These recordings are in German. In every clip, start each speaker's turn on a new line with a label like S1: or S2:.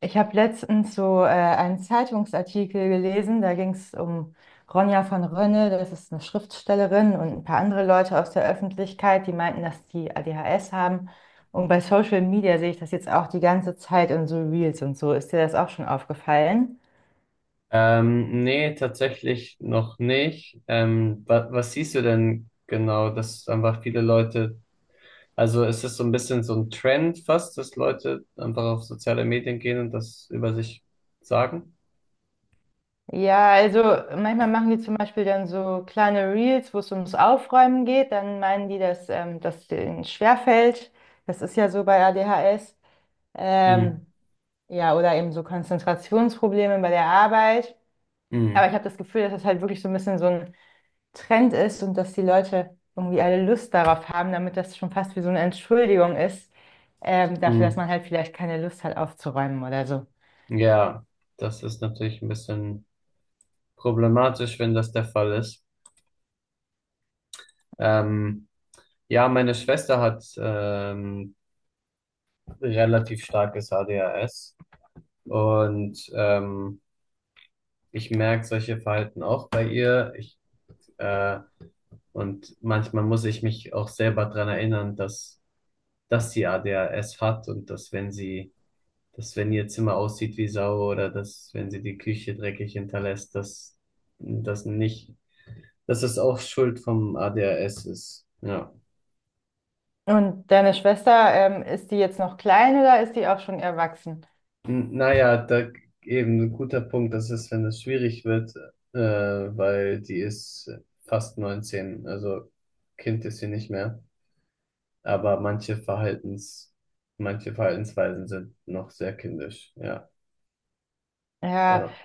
S1: Ich habe letztens so einen Zeitungsartikel gelesen, da ging es um Ronja von Rönne, das ist eine Schriftstellerin und ein paar andere Leute aus der Öffentlichkeit, die meinten, dass die ADHS haben. Und bei Social Media sehe ich das jetzt auch die ganze Zeit in so Reels und so. Ist dir das auch schon aufgefallen?
S2: Nee, tatsächlich noch nicht. Wa Was siehst du denn genau, dass einfach viele Leute, also ist so ein bisschen so ein Trend fast, dass Leute einfach auf soziale Medien gehen und das über sich sagen?
S1: Ja, also manchmal machen die zum Beispiel dann so kleine Reels, wo es ums Aufräumen geht. Dann meinen die, dass das denen schwerfällt. Das ist ja so bei ADHS.
S2: Mhm.
S1: Ähm, Ja, oder eben so Konzentrationsprobleme bei der Arbeit. Aber
S2: Mhm.
S1: ich habe das Gefühl, dass das halt wirklich so ein bisschen so ein Trend ist und dass die Leute irgendwie alle Lust darauf haben, damit das schon fast wie so eine Entschuldigung ist, dafür, dass
S2: Mhm.
S1: man halt vielleicht keine Lust hat aufzuräumen oder so.
S2: Ja, das ist natürlich ein bisschen problematisch, wenn das der Fall ist. Ähm, ja, meine Schwester hat relativ starkes ADHS und ich merke solche Verhalten auch bei ihr. Äh, und manchmal muss ich mich auch selber dran erinnern, dass sie ADHS hat und dass wenn ihr Zimmer aussieht wie Sau oder dass wenn sie die Küche dreckig hinterlässt, dass das nicht, dass es auch Schuld vom ADHS ist. Ja.
S1: Und deine Schwester, ist die jetzt noch klein oder ist die auch schon erwachsen?
S2: Naja, da eben ein guter Punkt, das ist, wenn es schwierig wird, weil die ist fast 19, also Kind ist sie nicht mehr. Aber manche Verhaltensweisen sind noch sehr kindisch, ja.
S1: Ja,
S2: Oder,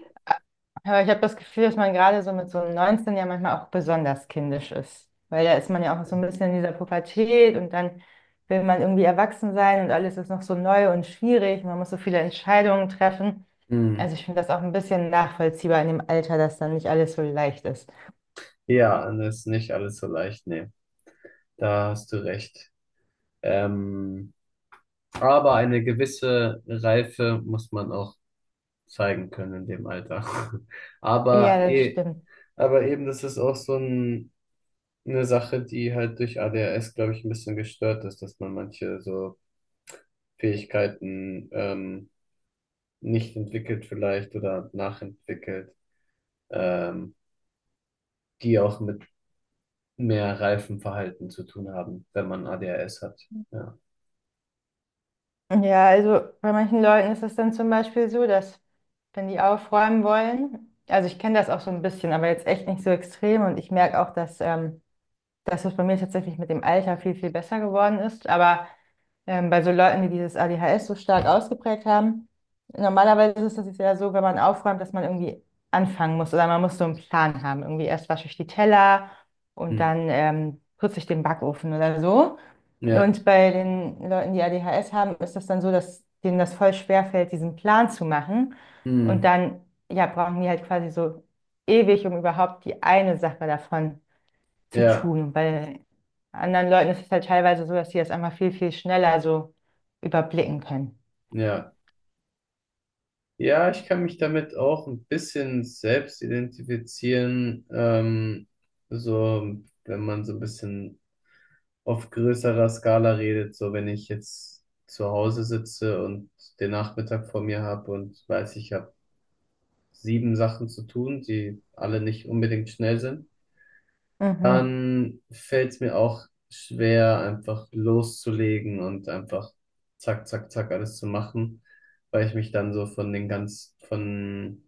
S1: aber ich habe das Gefühl, dass man gerade so mit so einem 19 ja manchmal auch besonders kindisch ist. Weil da ist man ja auch so ein bisschen in dieser Pubertät und dann will man irgendwie erwachsen sein und alles ist noch so neu und schwierig. Man muss so viele Entscheidungen treffen.
S2: hm.
S1: Also ich finde das auch ein bisschen nachvollziehbar in dem Alter, dass dann nicht alles so leicht ist.
S2: Ja, und das ist nicht alles so leicht, nee. Da hast du recht. Ähm, aber eine gewisse Reife muss man auch zeigen können in dem Alter.
S1: Ja,
S2: Aber,
S1: das
S2: eh,
S1: stimmt.
S2: aber eben, das ist auch so eine Sache, die halt durch ADHS, glaube ich, ein bisschen gestört ist, dass man manche so Fähigkeiten nicht entwickelt vielleicht oder nachentwickelt, ähm, die auch mit mehr Reifenverhalten zu tun haben, wenn man ADHS hat. Ja.
S1: Ja, also bei manchen Leuten ist es dann zum Beispiel so, dass wenn die aufräumen wollen, also ich kenne das auch so ein bisschen, aber jetzt echt nicht so extrem und ich merke auch, dass dass es bei mir tatsächlich mit dem Alter viel, viel besser geworden ist. Aber bei so Leuten, die dieses ADHS so stark ausgeprägt haben, normalerweise ist es ja so, wenn man aufräumt, dass man irgendwie anfangen muss oder man muss so einen Plan haben. Irgendwie erst wasche ich die Teller und
S2: Hm.
S1: dann putze ich den Backofen oder so.
S2: Ja.
S1: Und bei den Leuten, die ADHS haben, ist das dann so, dass denen das voll schwer fällt, diesen Plan zu machen. Und
S2: Hm.
S1: dann, ja, brauchen die halt quasi so ewig, um überhaupt die eine Sache davon zu
S2: Ja.
S1: tun, weil anderen Leuten ist es halt teilweise so, dass die das einfach viel, viel schneller so überblicken können.
S2: Ja. Ja, ich kann mich damit auch ein bisschen selbst identifizieren, so wenn man so ein bisschen auf größerer Skala redet, so wenn ich jetzt zu Hause sitze und den Nachmittag vor mir habe und weiß, ich habe sieben Sachen zu tun, die alle nicht unbedingt schnell sind.
S1: Mhm.
S2: Dann fällt es mir auch schwer, einfach loszulegen und einfach zack, zack, zack alles zu machen, weil ich mich dann so von den ganz,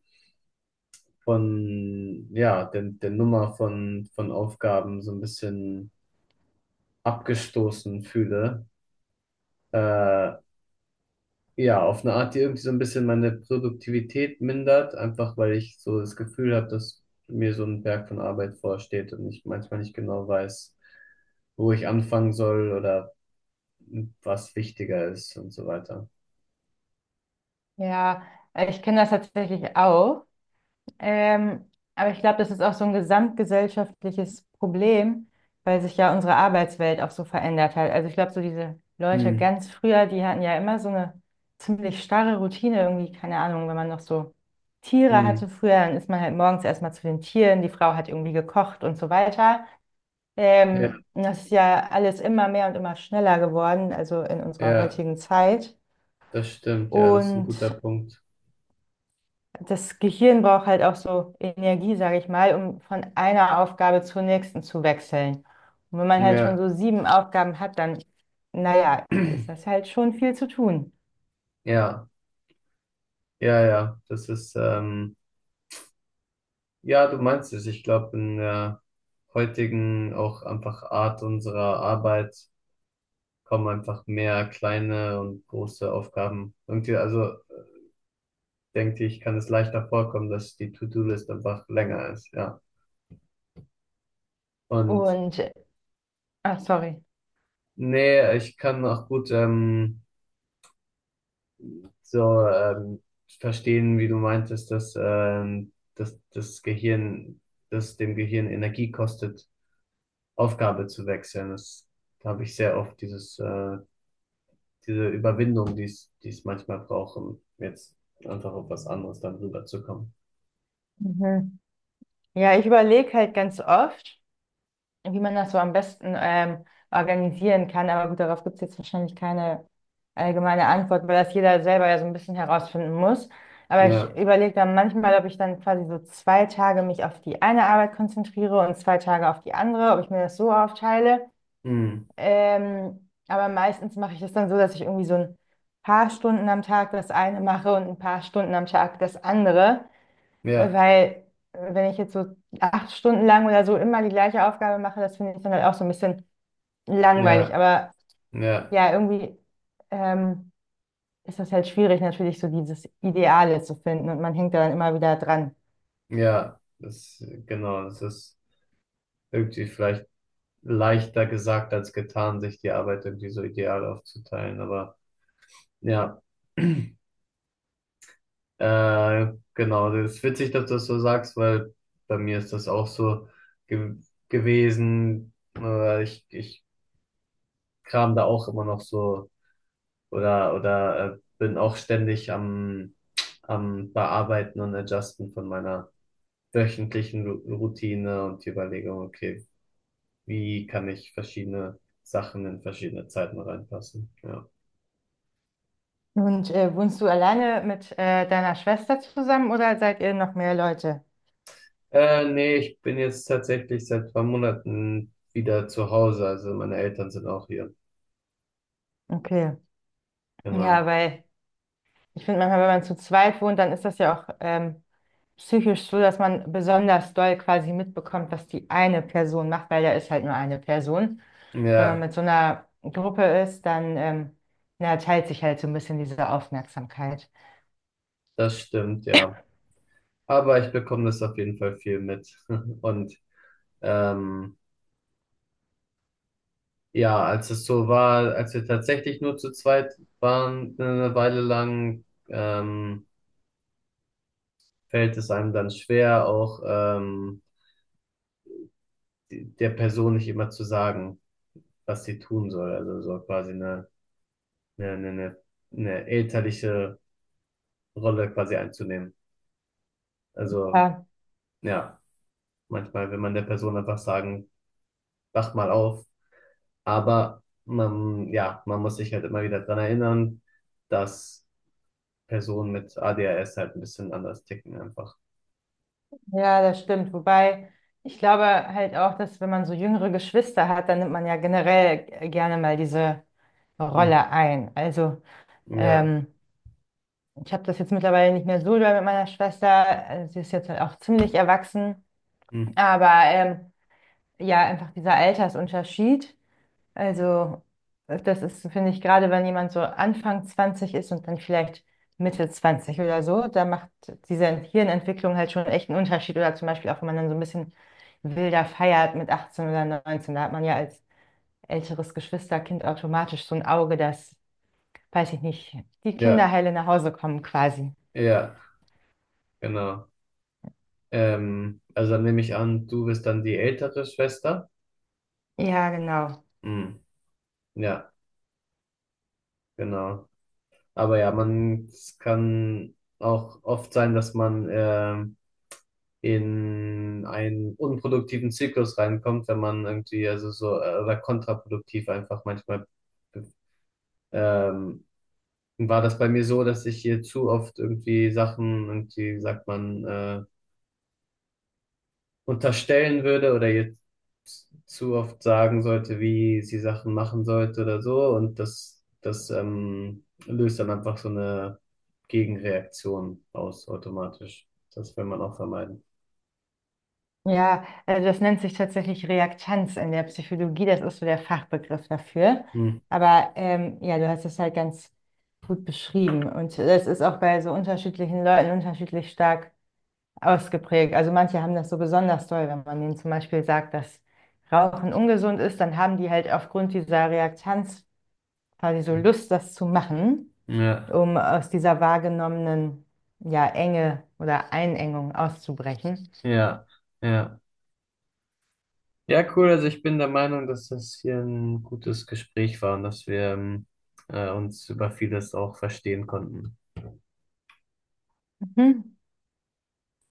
S2: von, ja, der Nummer von Aufgaben so ein bisschen abgestoßen fühle. Äh, ja, auf eine Art, die irgendwie so ein bisschen meine Produktivität mindert, einfach weil ich so das Gefühl habe, dass mir so ein Berg von Arbeit vorsteht und ich manchmal nicht genau weiß, wo ich anfangen soll oder was wichtiger ist und so weiter.
S1: Ja, ich kenne das tatsächlich auch. Ähm, aber ich glaube, das ist auch so ein gesamtgesellschaftliches Problem, weil sich ja unsere Arbeitswelt auch so verändert hat. Also ich glaube, so diese Leute
S2: Hm,
S1: ganz früher, die hatten ja immer so eine ziemlich starre Routine irgendwie, keine Ahnung, wenn man noch so Tiere
S2: hm.
S1: hatte früher, dann ist man halt morgens erstmal zu den Tieren, die Frau hat irgendwie gekocht und so weiter.
S2: Ja,
S1: Das ist ja alles immer mehr und immer schneller geworden, also in unserer
S2: ja,
S1: heutigen Zeit.
S2: das stimmt, ja, das ist ein
S1: Und
S2: guter Punkt.
S1: das Gehirn braucht halt auch so Energie, sage ich mal, um von einer Aufgabe zur nächsten zu wechseln. Und wenn man halt schon
S2: Ja,
S1: so sieben Aufgaben hat, dann, naja, ist das halt schon viel zu tun.
S2: ja, ja, ja, ja, du meinst es. Ich glaube, in der heutigen auch einfach Art unserer Arbeit kommen einfach mehr kleine und große Aufgaben. Irgendwie, also denke ich, kann es leichter vorkommen, dass die To-Do-List einfach länger ist, ja. Und
S1: Und, ach, sorry.
S2: nee, ich kann auch gut, so ähm, verstehen, wie du meintest, dass dass dem Gehirn Energie kostet, Aufgabe zu wechseln. Das Da habe ich sehr oft diese Überwindung, die es manchmal braucht, um jetzt einfach auf was anderes dann rüberzukommen.
S1: Mhm. Ja, ich überlege halt ganz oft, wie man das so am besten organisieren kann. Aber gut, darauf gibt es jetzt wahrscheinlich keine allgemeine Antwort, weil das jeder selber ja so ein bisschen herausfinden muss. Aber ich
S2: Ja,
S1: überlege dann manchmal, ob ich dann quasi so zwei Tage mich auf die eine Arbeit konzentriere und zwei Tage auf die andere, ob ich mir das so aufteile.
S2: hm,
S1: Aber meistens mache ich das dann so, dass ich irgendwie so ein paar Stunden am Tag das eine mache und ein paar Stunden am Tag das andere. Äh,
S2: ja,
S1: Weil, äh, wenn ich jetzt so acht Stunden lang oder so immer die gleiche Aufgabe mache, das finde ich dann halt auch so ein bisschen langweilig.
S2: ja,
S1: Aber
S2: ja,
S1: ja, irgendwie ähm, ist das halt schwierig, natürlich so dieses Ideale zu finden und man hängt da dann immer wieder dran.
S2: ja, genau, das ist irgendwie vielleicht leichter gesagt als getan, sich die Arbeit irgendwie so ideal aufzuteilen, aber ja. Genau, das ist witzig, dass du das so sagst, weil bei mir ist das auch so ge gewesen. Ich kram da auch immer noch so oder bin auch ständig am Bearbeiten und Adjusten von meiner wöchentlichen Ru Routine und die Überlegung, okay, wie kann ich verschiedene Sachen in verschiedene Zeiten reinpassen? Ja.
S1: Und wohnst du alleine mit deiner Schwester zusammen oder seid ihr noch mehr Leute?
S2: Nee, ich bin jetzt tatsächlich seit 2 Monaten wieder zu Hause, also meine Eltern sind auch hier.
S1: Okay.
S2: Genau.
S1: Ja, weil ich finde manchmal, wenn man zu zweit wohnt, dann ist das ja auch psychisch so, dass man besonders doll quasi mitbekommt, was die eine Person macht, weil da ist halt nur eine Person. Wenn man
S2: Ja,
S1: mit so einer Gruppe ist, dann na, teilt sich halt so ein bisschen diese Aufmerksamkeit.
S2: das stimmt, ja. Aber ich bekomme das auf jeden Fall viel mit. Und ähm, ja, als es so war, als wir tatsächlich nur zu zweit waren, eine Weile lang, fällt es einem dann schwer, auch der Person nicht immer zu sagen, was sie tun soll. Also so quasi eine, eine, eine eine elterliche Rolle quasi einzunehmen. Also
S1: Ja,
S2: ja, manchmal will man der Person einfach sagen, wach mal auf. Aber man, ja, man muss sich halt immer wieder dran erinnern, dass Personen mit ADHS halt ein bisschen anders ticken einfach.
S1: ja, das stimmt. Wobei ich glaube halt auch, dass wenn man so jüngere Geschwister hat, dann nimmt man ja generell gerne mal diese
S2: Hm.
S1: Rolle ein. Also
S2: Ja,
S1: ähm, ich habe das jetzt mittlerweile nicht mehr so doll mit meiner Schwester. Also sie ist jetzt halt auch ziemlich erwachsen.
S2: hm.
S1: Aber ja, einfach dieser Altersunterschied. Also, das ist, finde ich, gerade wenn jemand so Anfang 20 ist und dann vielleicht Mitte 20 oder so, da macht diese Hirnentwicklung halt schon echt einen Unterschied. Oder zum Beispiel auch, wenn man dann so ein bisschen wilder feiert mit 18 oder 19, da hat man ja als älteres Geschwisterkind automatisch so ein Auge, dass, weiß ich nicht, die
S2: Ja,
S1: Kinderheile nach Hause kommen quasi.
S2: ja, genau. Also dann nehme ich an, du bist dann die ältere Schwester.
S1: Ja, genau.
S2: Hm. Ja, genau. Aber ja, es kann auch oft sein, dass man in einen unproduktiven Zyklus reinkommt, wenn man irgendwie, also so, oder kontraproduktiv einfach manchmal. Ähm, War das bei mir so, dass ich hier zu oft irgendwie Sachen und die sagt man unterstellen würde oder jetzt zu oft sagen sollte, wie sie Sachen machen sollte oder so und das löst dann einfach so eine Gegenreaktion aus automatisch. Das will man auch vermeiden.
S1: Ja, also das nennt sich tatsächlich Reaktanz in der Psychologie, das ist so der Fachbegriff dafür.
S2: Hm.
S1: Aber ja, du hast es halt ganz gut beschrieben und das ist auch bei so unterschiedlichen Leuten unterschiedlich stark ausgeprägt. Also manche haben das so besonders doll, wenn man denen zum Beispiel sagt, dass Rauchen ungesund ist, dann haben die halt aufgrund dieser Reaktanz quasi so Lust, das zu machen,
S2: Ja,
S1: um aus dieser wahrgenommenen, ja, Enge oder Einengung auszubrechen.
S2: ja, ja. Ja, cool. Also ich bin der Meinung, dass das hier ein gutes Gespräch war und dass wir uns über vieles auch verstehen konnten.
S1: Mhm.